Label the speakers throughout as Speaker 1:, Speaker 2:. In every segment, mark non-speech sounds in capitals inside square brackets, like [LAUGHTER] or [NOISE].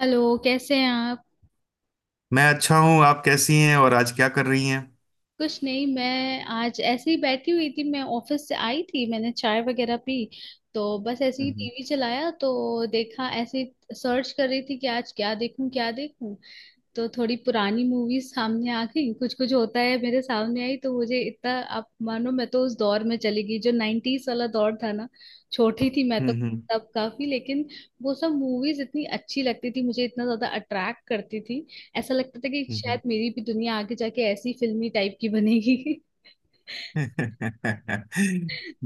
Speaker 1: Hello, कैसे हैं आप।
Speaker 2: मैं अच्छा हूँ। आप कैसी हैं और आज क्या कर रही हैं?
Speaker 1: कुछ नहीं, मैं आज ऐसे ही बैठी हुई थी। मैं ऑफिस से आई थी, मैंने चाय वगैरह पी। तो बस ऐसे ही
Speaker 2: हम्म।
Speaker 1: टीवी चलाया, तो देखा ऐसे सर्च कर रही थी कि आज क्या देखूं क्या देखूं। तो थोड़ी पुरानी मूवीज सामने आ गई। कुछ कुछ होता है मेरे सामने आई तो मुझे इतना, आप मानो मैं तो उस दौर में चली गई जो नाइन्टीज वाला दौर था ना। छोटी थी मैं तो
Speaker 2: हम्म। हम्म।
Speaker 1: तब, काफी लेकिन वो सब मूवीज इतनी अच्छी लगती थी मुझे, इतना ज्यादा अट्रैक्ट करती थी। ऐसा लगता था कि शायद
Speaker 2: हम्म।
Speaker 1: मेरी भी दुनिया आगे जाके ऐसी फिल्मी टाइप की बनेगी।
Speaker 2: [LAUGHS]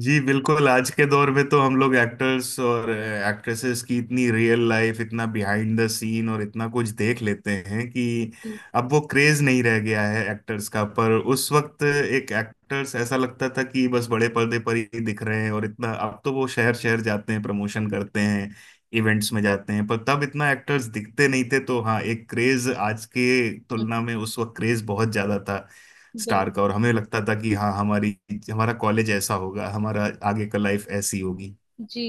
Speaker 2: जी बिल्कुल। आज के दौर में तो हम लोग एक्टर्स और एक्ट्रेसेस की इतनी रियल लाइफ, इतना बिहाइंड द सीन और इतना कुछ देख लेते हैं कि अब वो क्रेज नहीं रह गया है एक्टर्स का। पर उस वक्त एक एक्टर्स ऐसा लगता था कि बस बड़े पर्दे पर ही दिख रहे हैं, और इतना अब तो वो शहर शहर जाते हैं, प्रमोशन करते हैं, इवेंट्स में जाते हैं, पर तब इतना एक्टर्स दिखते नहीं थे। तो हाँ, एक क्रेज आज के तुलना में उस वक्त क्रेज बहुत ज्यादा था
Speaker 1: [LAUGHS] बिल्कुल।
Speaker 2: स्टार का। और हमें लगता था कि हाँ, हमारी हमारा कॉलेज ऐसा होगा, हमारा आगे का लाइफ ऐसी होगी।
Speaker 1: जी।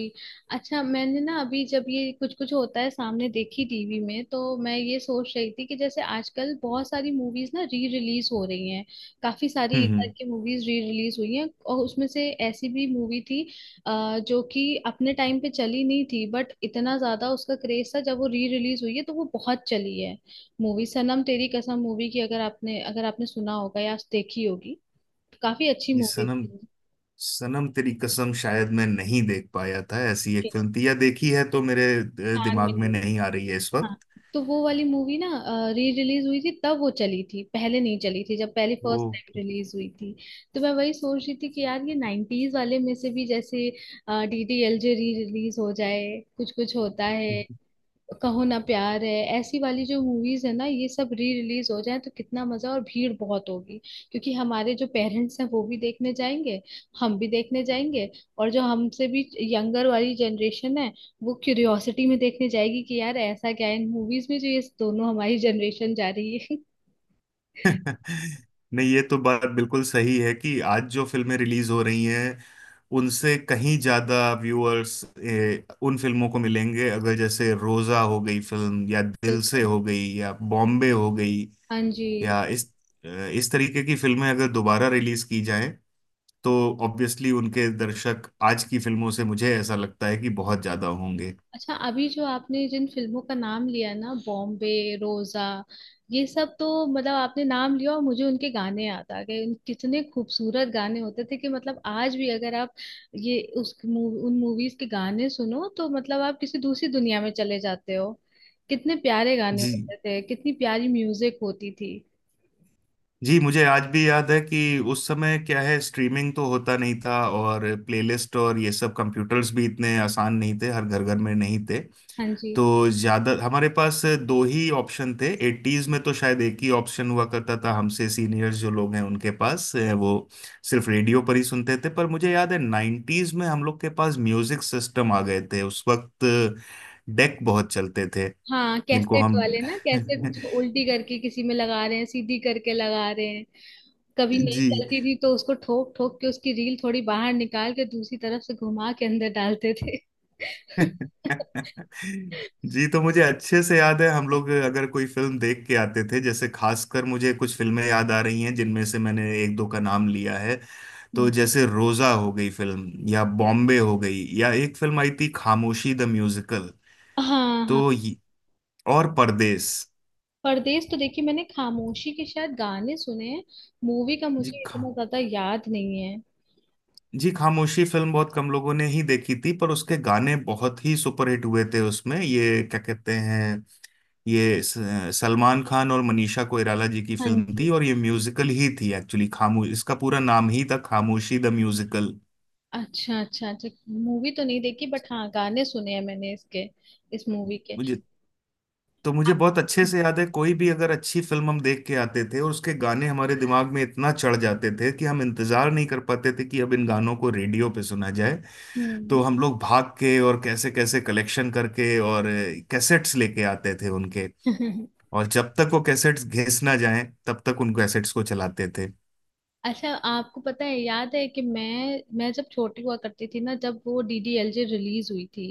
Speaker 1: अच्छा, मैंने ना अभी जब ये कुछ कुछ होता है सामने देखी टीवी में, तो मैं ये सोच रही थी कि जैसे आजकल बहुत सारी मूवीज ना री रिलीज हो रही हैं। काफी सारी
Speaker 2: हम्म।
Speaker 1: इधर
Speaker 2: हम्म।
Speaker 1: की मूवीज री रिलीज हुई हैं, और उसमें से ऐसी भी मूवी थी जो कि अपने टाइम पे चली नहीं थी, बट इतना ज्यादा उसका क्रेज था जब वो री रिलीज हुई है तो वो बहुत चली है। मूवी सनम तेरी कसम मूवी की, अगर आपने सुना होगा या देखी होगी। काफी अच्छी
Speaker 2: ये
Speaker 1: मूवी
Speaker 2: सनम
Speaker 1: थी वो।
Speaker 2: सनम तेरी कसम शायद मैं नहीं देख पाया था। ऐसी एक फिल्म थी या देखी है तो मेरे
Speaker 1: छान में
Speaker 2: दिमाग में
Speaker 1: नहीं।
Speaker 2: नहीं आ रही है इस
Speaker 1: हाँ,
Speaker 2: वक्त।
Speaker 1: तो वो वाली मूवी ना री रिलीज हुई थी तब वो चली थी, पहले नहीं चली थी जब पहली फर्स्ट टाइम
Speaker 2: ओके।
Speaker 1: रिलीज हुई थी। तो मैं वही सोच रही थी कि यार ये नाइन्टीज वाले में से भी जैसे D D L J re release हो जाए, कुछ कुछ होता है, कहो ना प्यार है, ऐसी वाली जो मूवीज है ना ये सब री रिलीज हो जाए तो कितना मजा, और भीड़ बहुत होगी। क्योंकि हमारे जो पेरेंट्स हैं वो भी देखने जाएंगे, हम भी देखने जाएंगे, और जो हमसे भी यंगर वाली जनरेशन है वो क्यूरियोसिटी में देखने जाएगी कि यार ऐसा क्या है इन मूवीज में जो ये दोनों हमारी जनरेशन जा रही है। [LAUGHS]
Speaker 2: [LAUGHS] नहीं, ये तो बात बिल्कुल सही है कि आज जो फिल्में रिलीज हो रही हैं उनसे कहीं ज्यादा व्यूअर्स उन फिल्मों को मिलेंगे। अगर जैसे रोजा हो गई फिल्म, या दिल से
Speaker 1: बिल्कुल।
Speaker 2: हो गई, या बॉम्बे हो गई,
Speaker 1: हाँ जी।
Speaker 2: या इस तरीके की फिल्में अगर दोबारा रिलीज की जाएं तो ऑब्वियसली उनके दर्शक आज की फिल्मों से मुझे ऐसा लगता है कि बहुत ज्यादा होंगे।
Speaker 1: अच्छा, अभी जो आपने जिन फिल्मों का नाम लिया ना, बॉम्बे, रोजा, ये सब तो मतलब आपने नाम लिया और मुझे उनके गाने याद आ गए। उन कितने खूबसूरत गाने होते थे कि मतलब आज भी अगर आप ये उन मूवीज के गाने सुनो तो मतलब आप किसी दूसरी दुनिया में चले जाते हो। कितने प्यारे गाने
Speaker 2: जी।
Speaker 1: होते थे, कितनी प्यारी म्यूजिक होती थी।
Speaker 2: जी, मुझे आज भी याद है कि उस समय क्या है, स्ट्रीमिंग तो होता नहीं था, और प्लेलिस्ट और ये सब कंप्यूटर्स भी इतने आसान नहीं थे, हर घर घर में नहीं थे।
Speaker 1: हाँ जी।
Speaker 2: तो ज्यादा हमारे पास दो ही ऑप्शन थे। एटीज में तो शायद एक ही ऑप्शन हुआ करता था। हमसे सीनियर्स जो लोग हैं, उनके पास वो सिर्फ रेडियो पर ही सुनते थे। पर मुझे याद है नाइन्टीज में हम लोग के पास म्यूजिक सिस्टम आ गए थे उस वक्त। डेक बहुत चलते थे
Speaker 1: हाँ
Speaker 2: जिनको
Speaker 1: कैसेट
Speaker 2: हम
Speaker 1: वाले ना,
Speaker 2: [LAUGHS]
Speaker 1: कैसेट जो उल्टी करके किसी में लगा रहे हैं, सीधी करके लगा रहे हैं, कभी नहीं
Speaker 2: जी।
Speaker 1: चलती थी तो उसको ठोक ठोक के उसकी रील थोड़ी बाहर निकाल के दूसरी तरफ से घुमा के अंदर डालते थे। [LAUGHS]
Speaker 2: [LAUGHS] जी, तो मुझे अच्छे से याद है हम लोग अगर कोई फिल्म देख के आते थे, जैसे खासकर मुझे कुछ फिल्में याद आ रही हैं जिनमें से मैंने एक दो का नाम लिया है। तो
Speaker 1: हम्म।
Speaker 2: जैसे रोजा हो गई फिल्म, या
Speaker 1: ठीक।
Speaker 2: बॉम्बे हो गई, या एक फिल्म आई थी खामोशी द म्यूजिकल।
Speaker 1: हाँ हाँ।
Speaker 2: तो ये- और परदेस।
Speaker 1: परदेश तो देखिए मैंने, खामोशी के शायद गाने सुने हैं, मूवी का
Speaker 2: जी
Speaker 1: मुझे
Speaker 2: खा
Speaker 1: इतना ज्यादा याद नहीं है।
Speaker 2: जी, खामोशी फिल्म बहुत कम लोगों ने ही देखी थी, पर उसके गाने बहुत ही सुपरहिट हुए थे। उसमें ये क्या कहते हैं, ये स- सलमान खान और मनीषा कोइराला जी की
Speaker 1: हाँ
Speaker 2: फिल्म
Speaker 1: जी।
Speaker 2: थी, और ये म्यूजिकल ही थी एक्चुअली। खामोश इसका पूरा नाम ही था, खामोशी द म्यूजिकल।
Speaker 1: अच्छा अच्छा अच्छा, मूवी तो नहीं देखी बट हाँ गाने सुने हैं मैंने इसके, इस मूवी के।
Speaker 2: तो मुझे
Speaker 1: आप।
Speaker 2: बहुत अच्छे से याद है, कोई भी अगर अच्छी फिल्म हम देख के आते थे और उसके गाने हमारे दिमाग में इतना चढ़ जाते थे कि हम इंतजार नहीं कर पाते थे कि अब इन गानों को रेडियो पे सुना जाए।
Speaker 1: हम्म।
Speaker 2: तो हम लोग भाग के और कैसे कैसे कलेक्शन करके और कैसेट्स लेके आते थे उनके।
Speaker 1: [LAUGHS]
Speaker 2: और जब तक वो कैसेट्स घिस ना जाएं तब तक उन कैसेट्स को चलाते थे।
Speaker 1: अच्छा, आपको पता है याद है कि मैं जब छोटी हुआ करती थी ना, जब वो डीडीएलजे रिलीज हुई थी,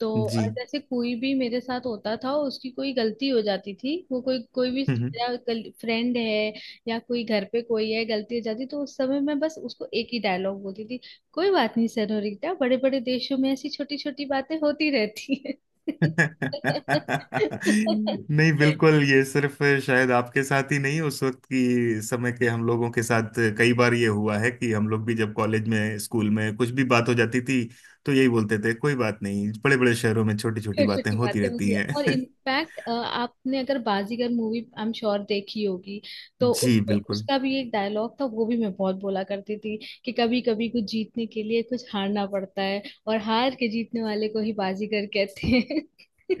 Speaker 1: तो
Speaker 2: जी।
Speaker 1: जैसे कोई भी मेरे साथ होता था उसकी कोई गलती हो जाती थी, वो कोई कोई भी मेरा फ्रेंड है या कोई घर पे कोई है गलती हो जाती, तो उस समय मैं बस उसको एक ही डायलॉग बोलती थी, कोई बात नहीं सेनोरिटा, बड़े बड़े देशों में ऐसी छोटी छोटी बातें होती रहती है।
Speaker 2: नहीं,
Speaker 1: [LAUGHS]
Speaker 2: बिल्कुल, ये सिर्फ शायद आपके साथ ही नहीं, उस वक्त की समय के हम लोगों के साथ कई बार ये हुआ है कि हम लोग भी जब कॉलेज में, स्कूल में कुछ भी बात हो जाती थी तो यही बोलते थे कोई बात नहीं, बड़े बड़े शहरों में छोटी छोटी
Speaker 1: छोटी
Speaker 2: बातें
Speaker 1: छोटी
Speaker 2: होती
Speaker 1: बातें
Speaker 2: रहती
Speaker 1: होगी।
Speaker 2: हैं।
Speaker 1: और इनफैक्ट आपने अगर Baazigar movie I am sure देखी होगी,
Speaker 2: [LAUGHS]
Speaker 1: तो
Speaker 2: जी बिल्कुल।
Speaker 1: उसका भी एक डायलॉग था वो भी मैं बहुत बोला करती थी, कि कभी कभी कुछ जीतने के लिए कुछ हारना पड़ता है और हार के जीतने वाले को ही बाजीगर कहते हैं।
Speaker 2: [LAUGHS]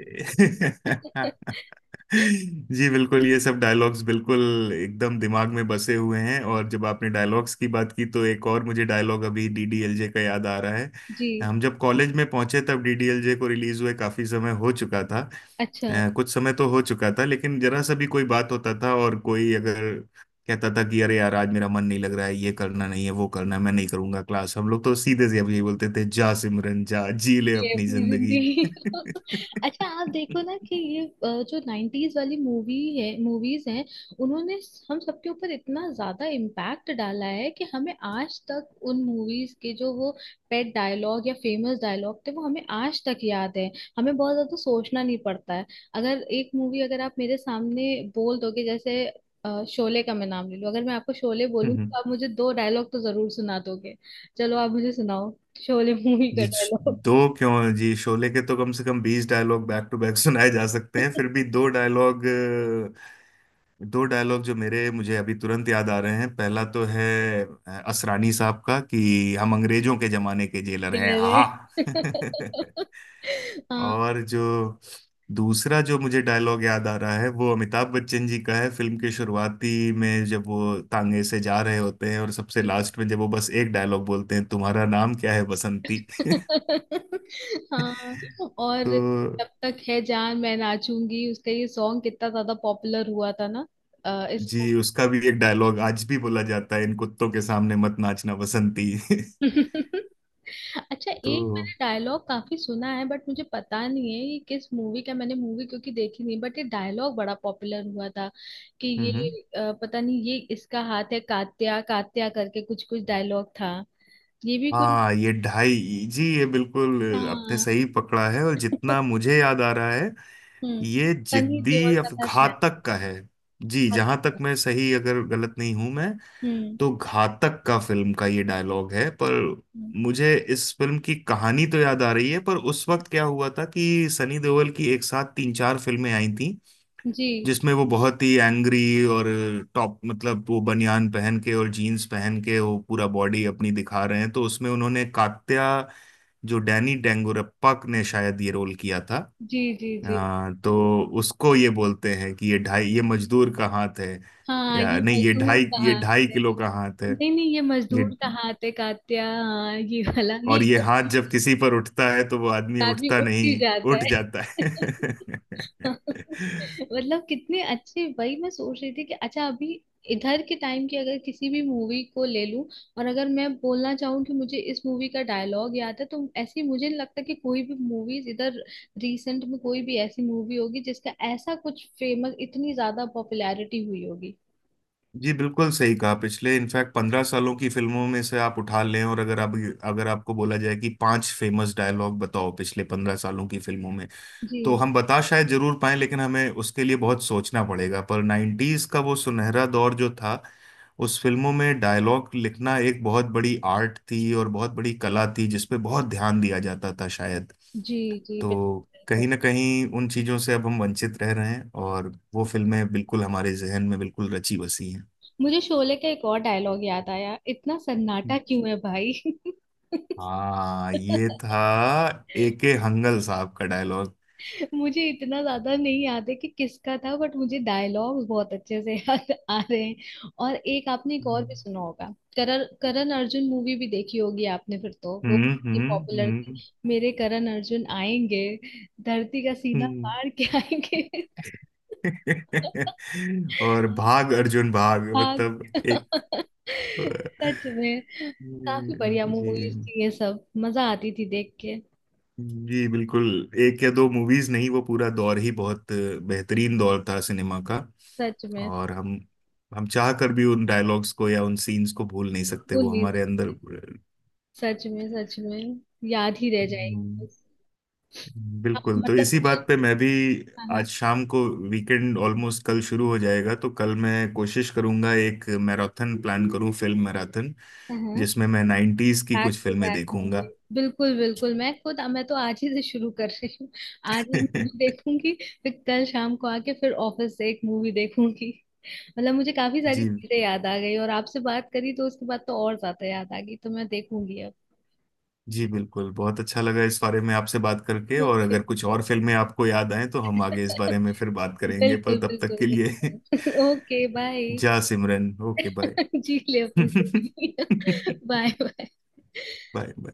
Speaker 1: [LAUGHS]
Speaker 2: जी बिल्कुल, ये सब डायलॉग्स बिल्कुल एकदम दिमाग में बसे हुए हैं। और जब आपने डायलॉग्स की बात की, तो एक और मुझे डायलॉग अभी डीडीएलजे का याद आ रहा है।
Speaker 1: जी।
Speaker 2: हम जब कॉलेज में पहुंचे तब डीडीएलजे को रिलीज हुए काफी समय हो चुका था।
Speaker 1: अच्छा
Speaker 2: कुछ समय तो हो चुका था, लेकिन जरा सा भी कोई बात होता था और कोई अगर कहता था कि अरे यार आज मेरा मन नहीं लग रहा है, ये करना नहीं है, वो करना है, मैं नहीं करूंगा क्लास, हम लोग तो सीधे से अब यही बोलते थे जा सिमरन जा, जी ले
Speaker 1: ये
Speaker 2: अपनी
Speaker 1: अपनी
Speaker 2: जिंदगी।
Speaker 1: जिंदगी। [LAUGHS] अच्छा, आप देखो ना कि ये जो नाइन्टीज वाली मूवी है, मूवीज हैं, उन्होंने हम सबके ऊपर इतना ज्यादा इम्पैक्ट डाला है कि हमें आज तक उन मूवीज के जो वो पेट डायलॉग या फेमस डायलॉग थे वो हमें आज तक याद है। हमें बहुत ज्यादा सोचना नहीं पड़ता है। अगर एक मूवी अगर आप मेरे सामने बोल दोगे जैसे, शोले का मैं नाम ले लूं, अगर मैं आपको शोले बोलूँ तो आप
Speaker 2: [LAUGHS]
Speaker 1: मुझे दो डायलॉग तो जरूर सुना दोगे। चलो आप मुझे सुनाओ शोले मूवी का
Speaker 2: जी श-
Speaker 1: डायलॉग।
Speaker 2: दो क्यों जी, शोले के तो कम से कम 20 डायलॉग बैक टू बैक [LAUGHS] सुनाए जा सकते हैं, फिर भी दो डायलॉग। जो मेरे मुझे अभी तुरंत याद आ रहे हैं, पहला तो है असरानी साहब का कि हम अंग्रेजों के जमाने के जेलर हैं
Speaker 1: Thriller
Speaker 2: हा।
Speaker 1: है।
Speaker 2: [LAUGHS]
Speaker 1: [LAUGHS] हाँ।
Speaker 2: और जो दूसरा जो मुझे डायलॉग याद आ रहा है वो अमिताभ बच्चन जी का है, फिल्म की शुरुआती में जब वो तांगे से जा रहे होते हैं, और सबसे लास्ट में जब वो बस एक डायलॉग बोलते हैं, तुम्हारा नाम क्या है बसंती।
Speaker 1: [LAUGHS] हाँ।
Speaker 2: [LAUGHS]
Speaker 1: और जब
Speaker 2: तो
Speaker 1: तक है जान मैं नाचूंगी उसका ये सॉन्ग कितना ज्यादा पॉपुलर हुआ था ना।
Speaker 2: जी,
Speaker 1: इसको।
Speaker 2: उसका भी एक डायलॉग आज भी बोला जाता है, इन कुत्तों के सामने मत नाचना बसंती। [LAUGHS]
Speaker 1: [LAUGHS] अच्छा, एक
Speaker 2: तो
Speaker 1: मैंने डायलॉग काफी सुना है बट मुझे पता नहीं है ये किस मूवी का, मैंने मूवी क्योंकि देखी नहीं बट ये डायलॉग बड़ा पॉपुलर हुआ था कि ये,
Speaker 2: हम्म।
Speaker 1: पता नहीं ये इसका हाथ है कात्या कात्या करके कुछ कुछ डायलॉग था। ये भी कोई,
Speaker 2: हाँ ये ढाई जी, ये बिल्कुल आपने
Speaker 1: हाँ।
Speaker 2: सही पकड़ा है, और जितना मुझे याद आ रहा है
Speaker 1: हम्म। सनी देओल तथा शहनाज
Speaker 2: घातक का है। जी, जहां तक
Speaker 1: अख्तर।
Speaker 2: मैं सही, अगर गलत नहीं हूं मैं,
Speaker 1: हम्म।
Speaker 2: तो घातक का फिल्म का ये डायलॉग है। पर
Speaker 1: हम्म।
Speaker 2: मुझे इस फिल्म की कहानी तो याद आ रही है, पर उस वक्त क्या हुआ था कि सनी देओल की एक साथ तीन चार फिल्में आई थी,
Speaker 1: जी
Speaker 2: जिसमें वो बहुत ही एंग्री और टॉप, मतलब वो बनियान पहन के और जीन्स पहन के वो पूरा बॉडी अपनी दिखा रहे हैं। तो उसमें उन्होंने कात्या, जो डैनी डेंगुरप्पा ने शायद ये रोल किया था,
Speaker 1: जी जी। जी।
Speaker 2: तो उसको ये बोलते हैं कि ये मजदूर का हाथ है,
Speaker 1: हाँ
Speaker 2: या
Speaker 1: ये
Speaker 2: नहीं,
Speaker 1: मजदूर
Speaker 2: ये
Speaker 1: कहाँ
Speaker 2: ढाई
Speaker 1: थे।
Speaker 2: किलो का हाथ है।
Speaker 1: नहीं नहीं ये
Speaker 2: ये
Speaker 1: मजदूर कहाँ थे कात्या, हाँ ये वाला, ये
Speaker 2: और ये
Speaker 1: बस
Speaker 2: हाथ
Speaker 1: बीच
Speaker 2: जब किसी पर उठता है तो वो आदमी
Speaker 1: में आदमी
Speaker 2: उठता
Speaker 1: उठ ही
Speaker 2: नहीं,
Speaker 1: जाता
Speaker 2: उठ
Speaker 1: है।
Speaker 2: जाता
Speaker 1: [LAUGHS]
Speaker 2: है।
Speaker 1: [LAUGHS]
Speaker 2: [LAUGHS]
Speaker 1: मतलब कितने अच्छे, वही मैं सोच रही थी कि अच्छा अभी इधर के टाइम की अगर किसी भी मूवी को ले लूं और अगर मैं बोलना चाहूँ कि मुझे इस मूवी का डायलॉग याद है, तो ऐसी मुझे नहीं लगता कि कोई भी मूवीज इधर रिसेंट में कोई भी ऐसी मूवी होगी जिसका ऐसा कुछ फेमस, इतनी ज्यादा पॉपुलैरिटी हुई होगी।
Speaker 2: जी बिल्कुल सही कहा, पिछले इनफैक्ट 15 सालों की फिल्मों में से आप उठा लें, और अगर आप अगर आपको बोला जाए कि पांच फेमस डायलॉग बताओ पिछले 15 सालों की फिल्मों में, तो
Speaker 1: जी
Speaker 2: हम बता शायद जरूर पाएं, लेकिन हमें उसके लिए बहुत सोचना पड़ेगा। पर नाइन्टीज का वो सुनहरा दौर जो था, उस फिल्मों में डायलॉग लिखना एक बहुत बड़ी आर्ट थी और बहुत बड़ी कला थी जिसपे बहुत ध्यान दिया जाता था शायद।
Speaker 1: जी। जी
Speaker 2: तो
Speaker 1: बिल्कुल।
Speaker 2: कहीं ना कहीं उन चीजों से अब हम वंचित रह रहे हैं, और वो फिल्में बिल्कुल हमारे जहन में बिल्कुल रची बसी हैं।
Speaker 1: मुझे शोले का एक और डायलॉग याद आया, इतना सन्नाटा क्यों है भाई।
Speaker 2: हाँ,
Speaker 1: [LAUGHS]
Speaker 2: ये था ए के हंगल साहब का डायलॉग।
Speaker 1: मुझे इतना ज्यादा नहीं याद है कि किसका था बट मुझे डायलॉग्स बहुत अच्छे से [LAUGHS] याद आ रहे हैं। और एक आपने, एक और भी
Speaker 2: हम्म।
Speaker 1: सुना होगा, करण करण अर्जुन मूवी भी देखी होगी आपने, फिर तो वो
Speaker 2: हम्म।
Speaker 1: पॉपुलर थी।
Speaker 2: हम्म।
Speaker 1: मेरे करण अर्जुन आएंगे, धरती का सीना
Speaker 2: हम्म।
Speaker 1: फाड़ के [LAUGHS] आएंगे।
Speaker 2: [LAUGHS] और भाग अर्जुन भाग,
Speaker 1: हाँ।
Speaker 2: मतलब एक।
Speaker 1: सच में काफी बढ़िया
Speaker 2: जी।
Speaker 1: मूवीज थी ये सब, मजा आती थी देख के।
Speaker 2: जी बिल्कुल, एक या दो मूवीज नहीं, वो पूरा दौर ही बहुत बेहतरीन दौर था सिनेमा का।
Speaker 1: सच में।
Speaker 2: और हम चाह कर भी उन डायलॉग्स को या उन सीन्स को भूल नहीं सकते,
Speaker 1: भूल
Speaker 2: वो
Speaker 1: नहीं
Speaker 2: हमारे
Speaker 1: सकती।
Speaker 2: अंदर
Speaker 1: सच में सच में, याद ही रह जाएगी। अब
Speaker 2: बिल्कुल। तो
Speaker 1: मतलब
Speaker 2: इसी बात
Speaker 1: मुझे,
Speaker 2: पे मैं भी
Speaker 1: हाँ हाँ।
Speaker 2: आज शाम को, वीकेंड ऑलमोस्ट कल शुरू हो जाएगा, तो कल मैं कोशिश करूंगा एक मैराथन प्लान करूं, फिल्म मैराथन,
Speaker 1: हाँ,
Speaker 2: जिसमें मैं नाइन्टीज की
Speaker 1: बैक
Speaker 2: कुछ
Speaker 1: टू
Speaker 2: फिल्में
Speaker 1: बैक मूवी।
Speaker 2: देखूंगा।
Speaker 1: बिल्कुल बिल्कुल, मैं खुद मैं तो आज ही से शुरू कर रही हूँ, आज
Speaker 2: [LAUGHS]
Speaker 1: ही मूवी
Speaker 2: जी।
Speaker 1: देखूंगी, फिर कल शाम को आके फिर ऑफिस से एक मूवी देखूंगी। मतलब मुझे काफी सारी चीजें याद आ गई और आपसे बात करी तो उसके बाद तो और ज्यादा याद आ गई, तो मैं देखूंगी अब।
Speaker 2: जी बिल्कुल, बहुत अच्छा लगा इस बारे में आपसे बात करके, और
Speaker 1: ओके।
Speaker 2: अगर कुछ और फिल्में आपको याद आए तो हम आगे इस बारे
Speaker 1: [LAUGHS]
Speaker 2: में फिर बात करेंगे, पर
Speaker 1: बिल्कुल
Speaker 2: तब तक
Speaker 1: बिल्कुल
Speaker 2: के लिए।
Speaker 1: बिल्कुल। Okay
Speaker 2: [LAUGHS]
Speaker 1: bye.
Speaker 2: जा सिमरन, ओके बाय।
Speaker 1: [LAUGHS] जी ले
Speaker 2: [LAUGHS]
Speaker 1: अपनी
Speaker 2: बाय
Speaker 1: जिंदगी। [LAUGHS] Bye bye.
Speaker 2: बाय।